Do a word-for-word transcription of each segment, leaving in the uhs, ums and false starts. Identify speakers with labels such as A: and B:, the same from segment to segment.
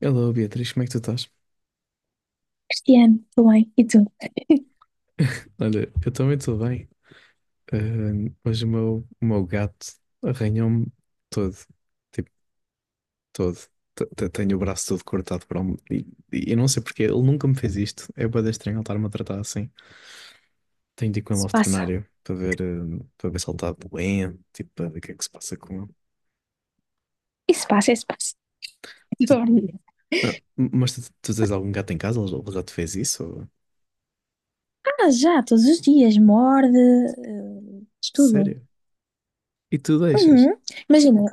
A: Hello Beatriz, como é que tu estás?
B: Piano também. E tu?
A: Olha, eu também estou bem. Ahm, mas o meu, o meu gato arranhou-me todo, tipo, todo. T- t- Tenho o braço todo cortado por um... E, e eu não sei porque, ele nunca me fez isto. É bué de estranho ele estar-me a tratar assim. Tenho de ir com ele
B: Se
A: ao
B: passa.
A: veterinário para ver, ahm, para ver se ele está doente, tipo, para ver o que é que se passa com ele.
B: Isso passa, isso passa.
A: Tu- não, mas tu, tu tens algum gato em casa? Ele ele já te fez isso? ou-
B: Ah, já, todos os dias. Morde, eh, estudo.
A: Sério? E tu deixas?
B: Uhum. Imagina,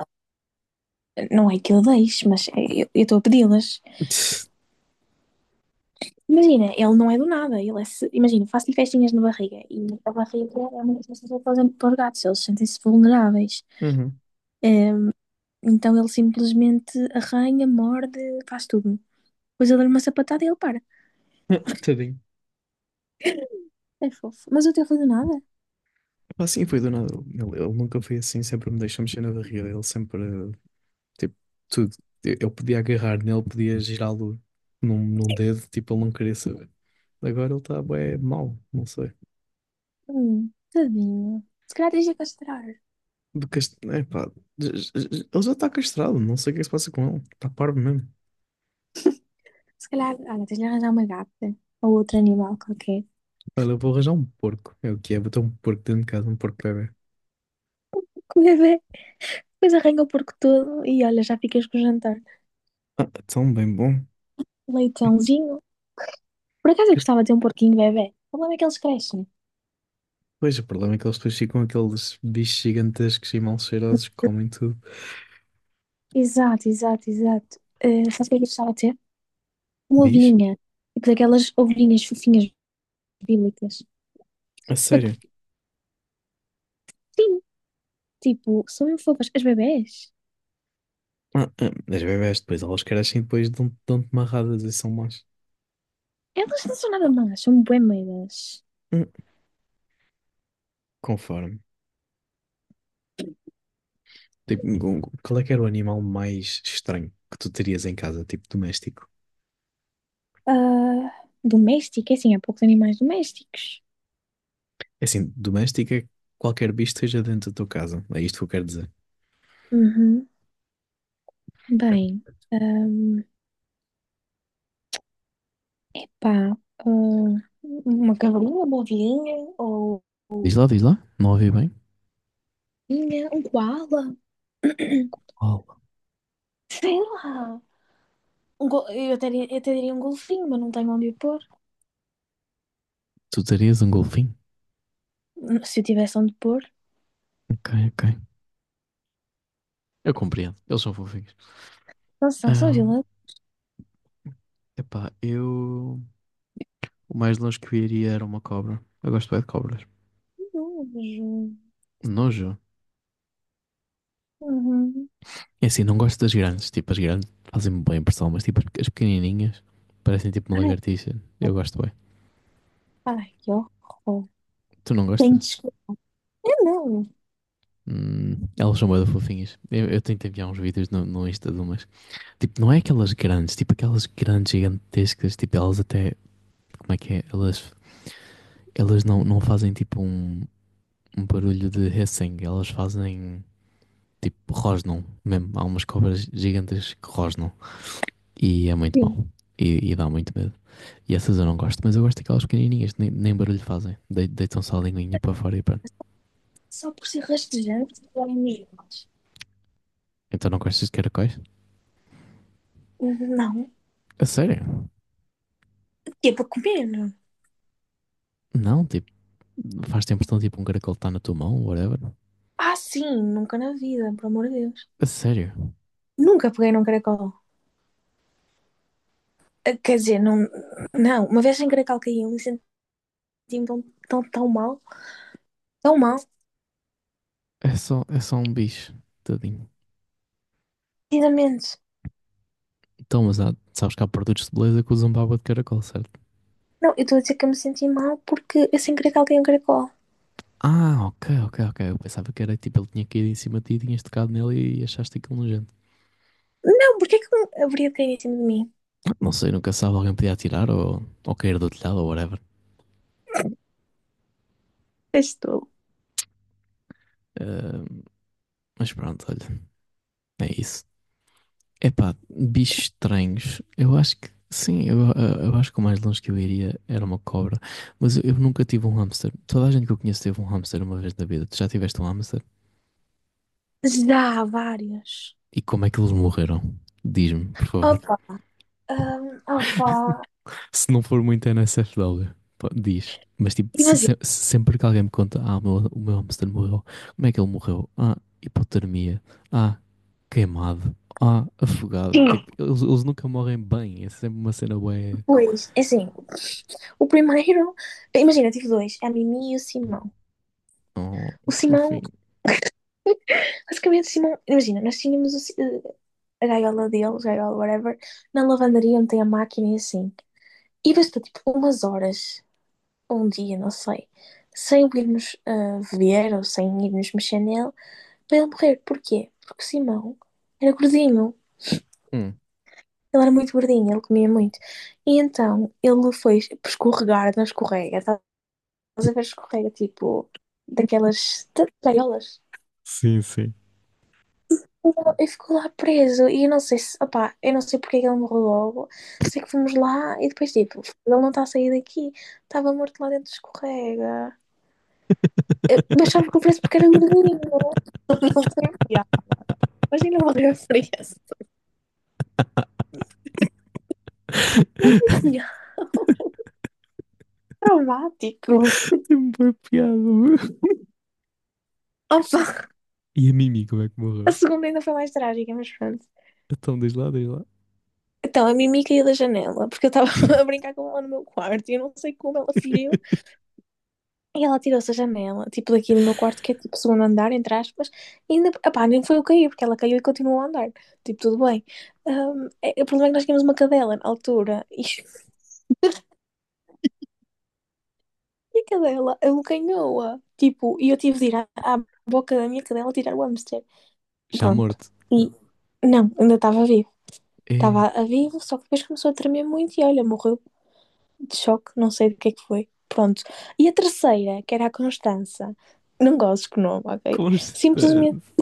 B: não é que eu deixe, mas é- eu eu estou a pedi-las. Imagina, ele não é do nada. Ele é, se- imagina, faço-lhe festinhas na barriga. E a barriga é uma das coisas que eles fazem para os gatos. Eles sentem-se vulneráveis.
A: Uhum.
B: Ehm, Então ele simplesmente arranha, morde, faz tudo. Depois eu dou-lhe uma sapatada e ele para.
A: Tadinho.
B: É fofo. Mas o teu foi do nada?
A: Pá, assim foi do nada. Ele, ele nunca foi assim, sempre me deixou mexer na barriga. Ele sempre, eh, tipo, tudo. Eu, eu podia agarrar nele, podia girá-lo num, num dedo, tipo, ele não queria saber. Agora ele está bué mau, não sei.
B: Hum, tadinho. Se calhar tens de castrar.
A: De cast... é, pá, j- j- j- ele já está castrado, não sei o que é que se passa com ele. Está parvo mesmo.
B: Se calhar, olha, tens de arranjar uma gata. Ou outro animal qualquer.
A: Olha, eu vou arranjar um porco. É o que é, vou ter um porco dentro de casa, um porco bebê.
B: Com o bebê. Depois arranha o porco todo e olha, já ficas com o jantar.
A: Ah, tão bem bom.
B: Leitãozinho. Por acaso eu gostava de ter um porquinho bebê. O problema é que eles crescem.
A: Pois, o problema é que eles depois ficam aqueles bichos gigantescos e mal cheirosos que comem tudo.
B: Exato, exato, exato. Uh, sabes o que é que eu gostava de ter? Uma
A: Diz?
B: ovelhinha. Tipo daquelas ovelhinhas fofinhas bíblicas.
A: A sério?
B: Sim, tipo, são mesmo fofas. As bebés,
A: Ah, ah, as bebés depois, elas crescem e depois dão- dão-te marradas e são más.
B: elas não são nada más, são bué meias.
A: Hum. Conforme. Tipo, um- um, qual é que era o animal mais estranho que tu terias em casa, tipo doméstico?
B: Ah, doméstica, é assim, há poucos animais domésticos.
A: É assim, doméstico é qualquer bicho que esteja dentro da tua casa. É isto que eu quero dizer.
B: Uhum. Bem, ahm, pá, ah, uma cavalinha, uma ovelhinha, ou
A: Diz
B: ou
A: lá, diz lá. Não ouvi bem.
B: ovelhinha, um koala,
A: Oh,
B: sei lá. Um go- eu até, diria- eu até diria um golfinho, mas não tenho onde o pôr.
A: tu terias um golfinho?
B: Se eu tivesse onde pôr,
A: Ok, ok. Eu compreendo. Eles são fofinhos.
B: não são, são
A: Ah,
B: gelados.
A: epá, eu... O mais longe que eu iria era uma cobra. Eu gosto bem de cobras. Nojo.
B: Uhum.
A: É assim, não gosto das grandes. Tipo, as grandes fazem-me boa impressão, mas tipo, as pequenininhas parecem tipo uma
B: Ai,
A: lagartixa. Eu gosto bem.
B: ai, que horror.
A: Tu não gostas?
B: Tenho de não,
A: Hum, elas são bem fofinhas. Eu, eu tento enviar uns vídeos no, no Insta de umas. Tipo, não é aquelas grandes, tipo aquelas grandes gigantescas. Tipo, elas até. Como é que é? Elas, elas não, não fazem tipo um, um barulho de hissing. Elas fazem tipo rosnam mesmo. Há umas cobras gigantes que rosnam. E é muito
B: sim.
A: mau. E, e dá muito medo. E essas eu não gosto, mas eu gosto daquelas pequenininhas, nem, nem barulho fazem. De, deitam só a linguinha para fora e pronto.
B: Só por ser rastejante ou imigrantes.
A: Então não gostas de caracóis?
B: Não.
A: A sério?
B: Que é para comer.
A: Não, tipo, faz-te a impressão tipo um caracol está na tua mão, whatever.
B: Ah, sim, nunca na vida, pelo amor de Deus.
A: A sério?
B: Nunca peguei num caracol. Ah, quer dizer, não, não, uma vez sem caracol caiu me senti tão, tão, tão mal, tão mal,
A: É só, é só um bicho, tadinho.
B: precisamente.
A: Então, mas há, sabes que há produtos de beleza que usam baba de caracol, certo?
B: Não, eu estou a dizer que eu me senti mal porque eu sem caracol caí um caracol.
A: Ah, ok, ok, ok. Eu pensava que era tipo, ele tinha caído em cima de ti, e tinhas tocado nele e achaste aquilo nojento.
B: Não, porque é que um haveria de cair em cima de mim?
A: Não sei, nunca sabe, alguém podia atirar ou, ou cair do telhado ou whatever.
B: Estou.
A: Ah, mas pronto, olha, é isso. Epá, bichos estranhos. Eu acho que sim, eu, eu- eu acho que o mais longe que eu iria era uma cobra. Mas eu, eu nunca tive um hamster. Toda a gente que eu conheço teve um hamster uma vez na vida. Tu já tiveste um hamster?
B: Já há várias.
A: E como é que eles morreram? Diz-me, por favor.
B: Opa, hum, opa.
A: Se não for muito N S F W, pá, diz. Mas tipo, se-
B: Imagina,
A: se- se sempre que alguém me conta, ah, o meu, o meu hamster morreu, como é que ele morreu? Ah, hipotermia. Ah, queimado. Ah, afogado.
B: sim,
A: Tipo, eles, eles nunca morrem bem. É sempre uma cena bué.
B: pois, é assim, o primeiro, imagina, tive dois, a Mimi e o Simão.
A: Oh,
B: O
A: que
B: Simão,
A: fofinho.
B: basicamente, o Simão, imagina, nós tínhamos o Si- eh, a gaiola dele, gaiola, whatever, na lavandaria onde tem a máquina e assim. E bastou tipo umas horas, um dia, não sei, sem o irmos ah, ver ou sem irmos mexer nele, para ele morrer. Porquê? Porque o Simão era gordinho.
A: Hum.
B: Ele era muito gordinho, ele comia muito. E então ele foi escorregar na escorrega. Estás a ver escorrega, tipo, daquelas gaiolas.
A: Sim, sim.
B: E ficou lá preso. E eu não sei se, opá, eu não sei porque é que ele morreu logo. Sei que fomos lá e depois, tipo, ele não está a sair daqui. Estava morto lá dentro, escorrega. Eu achava que o preço porque era gordinho. Imagina o gordinho. Traumático.
A: Tem uma piada, meu.
B: Opa,
A: E a Mimi, como é que
B: a
A: morreu?
B: segunda ainda foi mais trágica, mas pronto.
A: Então, diz lá, diz lá.
B: Então, a Mimi caiu da janela porque eu estava a brincar com ela no meu quarto e eu não sei como ela fugiu. E ela tirou-se a janela, tipo daqui do meu quarto, que é tipo segundo andar, entre aspas, e ainda, epá, nem foi eu cair, porque ela caiu e continuou a andar. Tipo, tudo bem. Ahm, é- o problema é que nós tínhamos uma cadela na altura, e, e a cadela abocanhou-a. Tipo, e eu tive de ir à, à boca da minha cadela tirar o hamster.
A: Já
B: Pronto.
A: morto.
B: E não, ainda estava vivo.
A: É
B: Estava a vivo, só que depois começou a tremer muito e olha, morreu de choque, não sei do que é que foi. Pronto. E a terceira, que era a Constança, não gosto que nome, ok? Simplesmente
A: constante.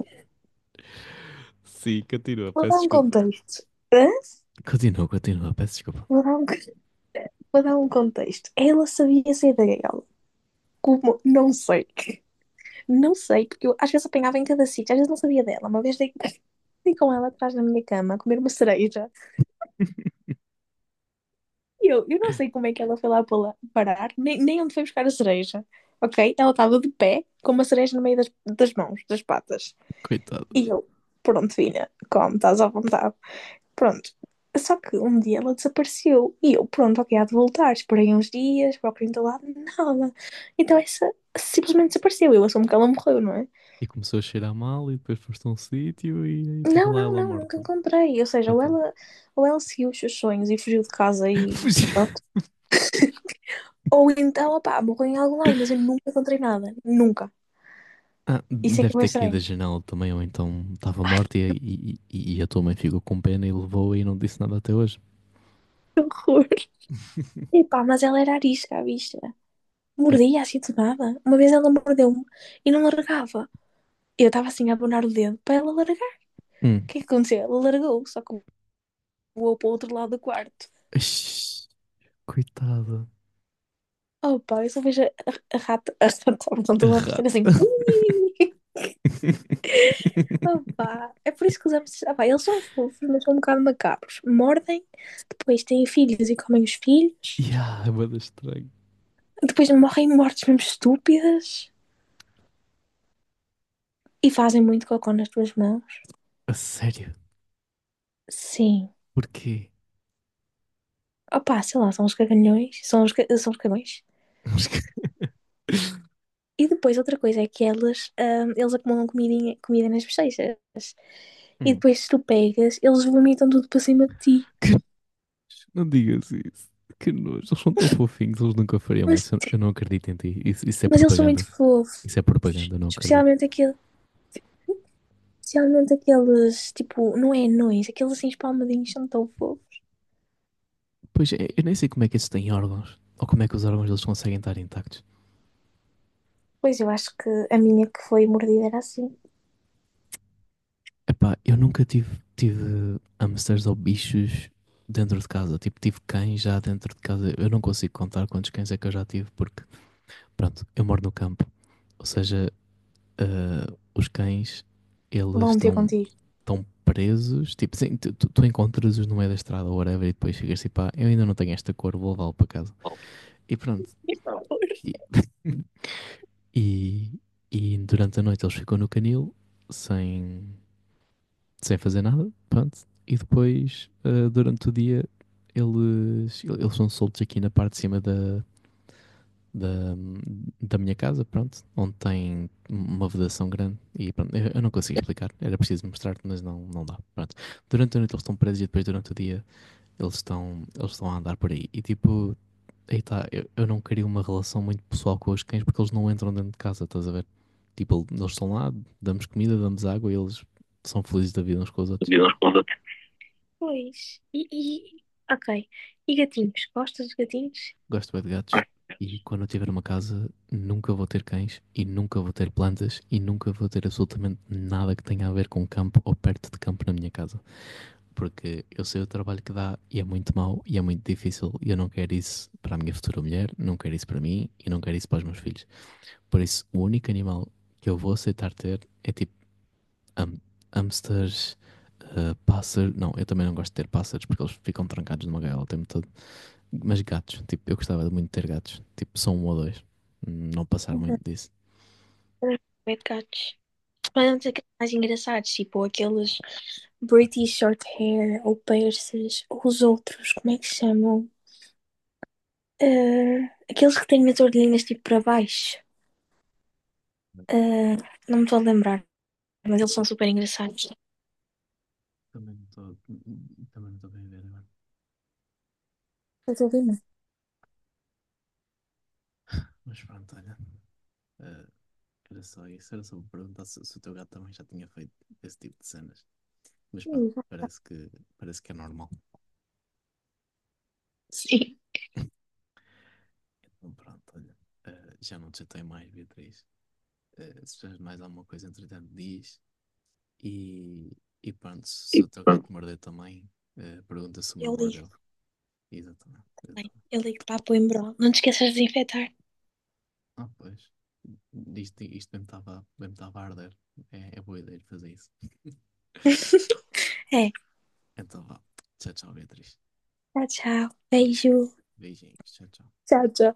A: Sim, continua,
B: vou
A: peço
B: dar um
A: desculpa.
B: contexto. Hã?
A: Continua, continua, peço desculpa.
B: Vou dar um, vou dar um contexto. Ela sabia sair da gaiola. Como? Não sei. Não sei, porque eu às vezes apanhava em cada sítio, às vezes não sabia dela. Uma vez dei, dei com ela atrás da minha cama a comer uma cereja. E eu, eu não sei como é que ela foi lá pala- parar, nem, nem onde foi buscar a cereja. Ok? Ela estava de pé, com uma cereja no meio das, das mãos, das patas.
A: Coitado.
B: E eu, pronto, filha, como, estás à vontade. Pronto. Só que um dia ela desapareceu e eu, pronto, ok, há de voltar. Esperei uns dias, procurei em todo lado, nada. Então essa simplesmente desapareceu. Eu assumo que ela morreu, não é?
A: E começou a cheirar mal e depois foste a um sítio e estava
B: Não,
A: lá
B: não,
A: ela
B: não, nunca
A: morta.
B: encontrei. Ou seja, ou
A: Então.
B: ela, ou ela seguiu os seus sonhos e fugiu de casa e
A: Fugi.
B: pronto. Ou então, opá, morreu em algum lado, mas eu nunca encontrei nada. Nunca.
A: Ah,
B: Isso é que
A: deve
B: é bem
A: ter caído da
B: estranho.
A: janela também, ou então estava morta e, e, e- e a tua mãe ficou com pena e levou e não disse nada até hoje.
B: Cor. Epá, mas ela era arisca, a bicha.
A: É,
B: Mordia assim do nada. Uma vez ela mordeu-me e não largava. Eu estava assim a abonar o dedo para ela largar. O
A: hum.
B: que é que aconteceu? Ela largou, só que voou para o outro lado do quarto.
A: Ixi, coitada.
B: Oh pá, eu só vejo a, a rata, a rata,
A: A
B: portanto, a fazer
A: rata.
B: assim. "Ui". Oh pá, é por isso que os hamsters, ah pá, eles são fofos, mas são um bocado macabros. Mordem, depois têm filhos e comem os filhos,
A: Yeah, é bué da estranho.
B: depois morrem mortes mesmo estúpidas e fazem muito cocô nas tuas mãos.
A: A sério?
B: Sim.
A: Porquê?
B: Oh pá, sei lá, são os cagalhões, são os, são os cagões.
A: Mas que-
B: E depois outra coisa é que elas, ah, eles acumulam comidinha, comida nas bochechas. E
A: Hum.
B: depois, se tu pegas, eles vomitam tudo para cima de ti.
A: Que- Não digas isso. Que nojo. Eles são tão fofinhos, eles nunca fariam
B: Mas,
A: isso. Eu não acredito em ti. Isso, isso é
B: mas eles são muito
A: propaganda.
B: fofos.
A: Isso é propaganda, eu não acredito.
B: Especialmente aquele, especialmente aqueles, tipo, não é anões, aqueles assim espalmadinhos são tão fofos.
A: Pois, é, eu nem sei como é que isso tem órgãos. Ou como é que os órgãos deles conseguem estar intactos.
B: Pois eu acho que a minha que foi mordida era assim.
A: Epá, eu nunca tive, tive hamsters ou bichos dentro de casa. Tipo, tive cães já dentro de casa. Eu não consigo contar quantos cães é que eu já tive, porque, pronto, eu moro no campo. Ou seja, ah, os cães, eles
B: Vão ter
A: estão
B: contigo.
A: tão presos. Tipo, sim, tu, tu- tu encontras-os no meio da estrada ou whatever e depois chegas e pá, eu ainda não tenho esta cor, vou levá-lo para casa. E pronto. E- E, e durante a noite eles ficam no canil sem, sem fazer nada, pronto. E depois, ah, durante o dia, eles, eles são soltos aqui na parte de cima da, da, da minha casa, pronto, onde tem uma vedação grande. E pronto, eu, eu não consigo explicar, era preciso mostrar-te, mas não, não dá. Pronto. Durante a noite eles estão presos e depois durante o dia eles estão, eles estão a andar por aí. E tipo, aí tá, eu, eu não queria uma relação muito pessoal com os cães porque eles não entram dentro de casa, estás a ver? Tipo, eles estão lá, damos comida, damos água e eles são felizes da vida uns com os outros.
B: Deus responda. Pois. E, e- ok. E gatinhos? Gostas de gatinhos?
A: Gosto bem de gatos. E quando eu tiver uma casa, nunca vou ter cães e nunca vou ter plantas e nunca vou ter absolutamente nada que tenha a ver com campo ou perto de campo na minha casa. Porque eu sei o trabalho que dá e é muito mau e é muito difícil e eu não quero isso para a minha futura mulher, não quero isso para mim e não quero isso para os meus filhos. Por isso, o único animal que eu vou aceitar ter é tipo ham- hamsters. Uh, pássaro, não, eu também não gosto de ter pássaros porque eles ficam trancados numa gaiola o tempo todo. Mas gatos, tipo, eu gostava muito de ter gatos, tipo, só um ou dois, não passar
B: Uhum.
A: muito disso.
B: Pet gatos. Mas aqueles mais engraçados, tipo aqueles British short hair ou persas, ou os outros, como é que se chamam? Eh, aqueles que têm as orelhinhas tipo para baixo. Eh, não me estou a lembrar, mas eles são super engraçados.
A: Também não estou também estou bem a ver agora.
B: Estás a ouvir-me?
A: Mas pronto, olha. eh, era só isso, era só para perguntar se, se, o teu gato também já tinha feito esse tipo de cenas. Mas pronto,
B: Hum.
A: parece que, parece que é normal.
B: Sim,
A: Então pronto, olha. eh, já não te chatei mais, Beatriz. Eh, se precisas mais alguma coisa, entretanto, diz. E, e pronto,
B: e
A: se o teu gato
B: pronto,
A: morder também, eh, pergunta se o meu
B: eu
A: mordeu.
B: ligo.
A: Exatamente.
B: Bem,
A: Exatamente.
B: eu ligo para a Coimbra. Não te esqueças de desinfetar.
A: Ah, pois. Isto, isto mesmo estava mesmo estava a arder. É, é boa ideia de fazer isso.
B: É,
A: Então vá. Tchau, tchau, Beatriz.
B: tchau, tchau.
A: Tchau, tchau.
B: Beijo.
A: Beijinhos. Tchau, tchau.
B: Tchau, tchau.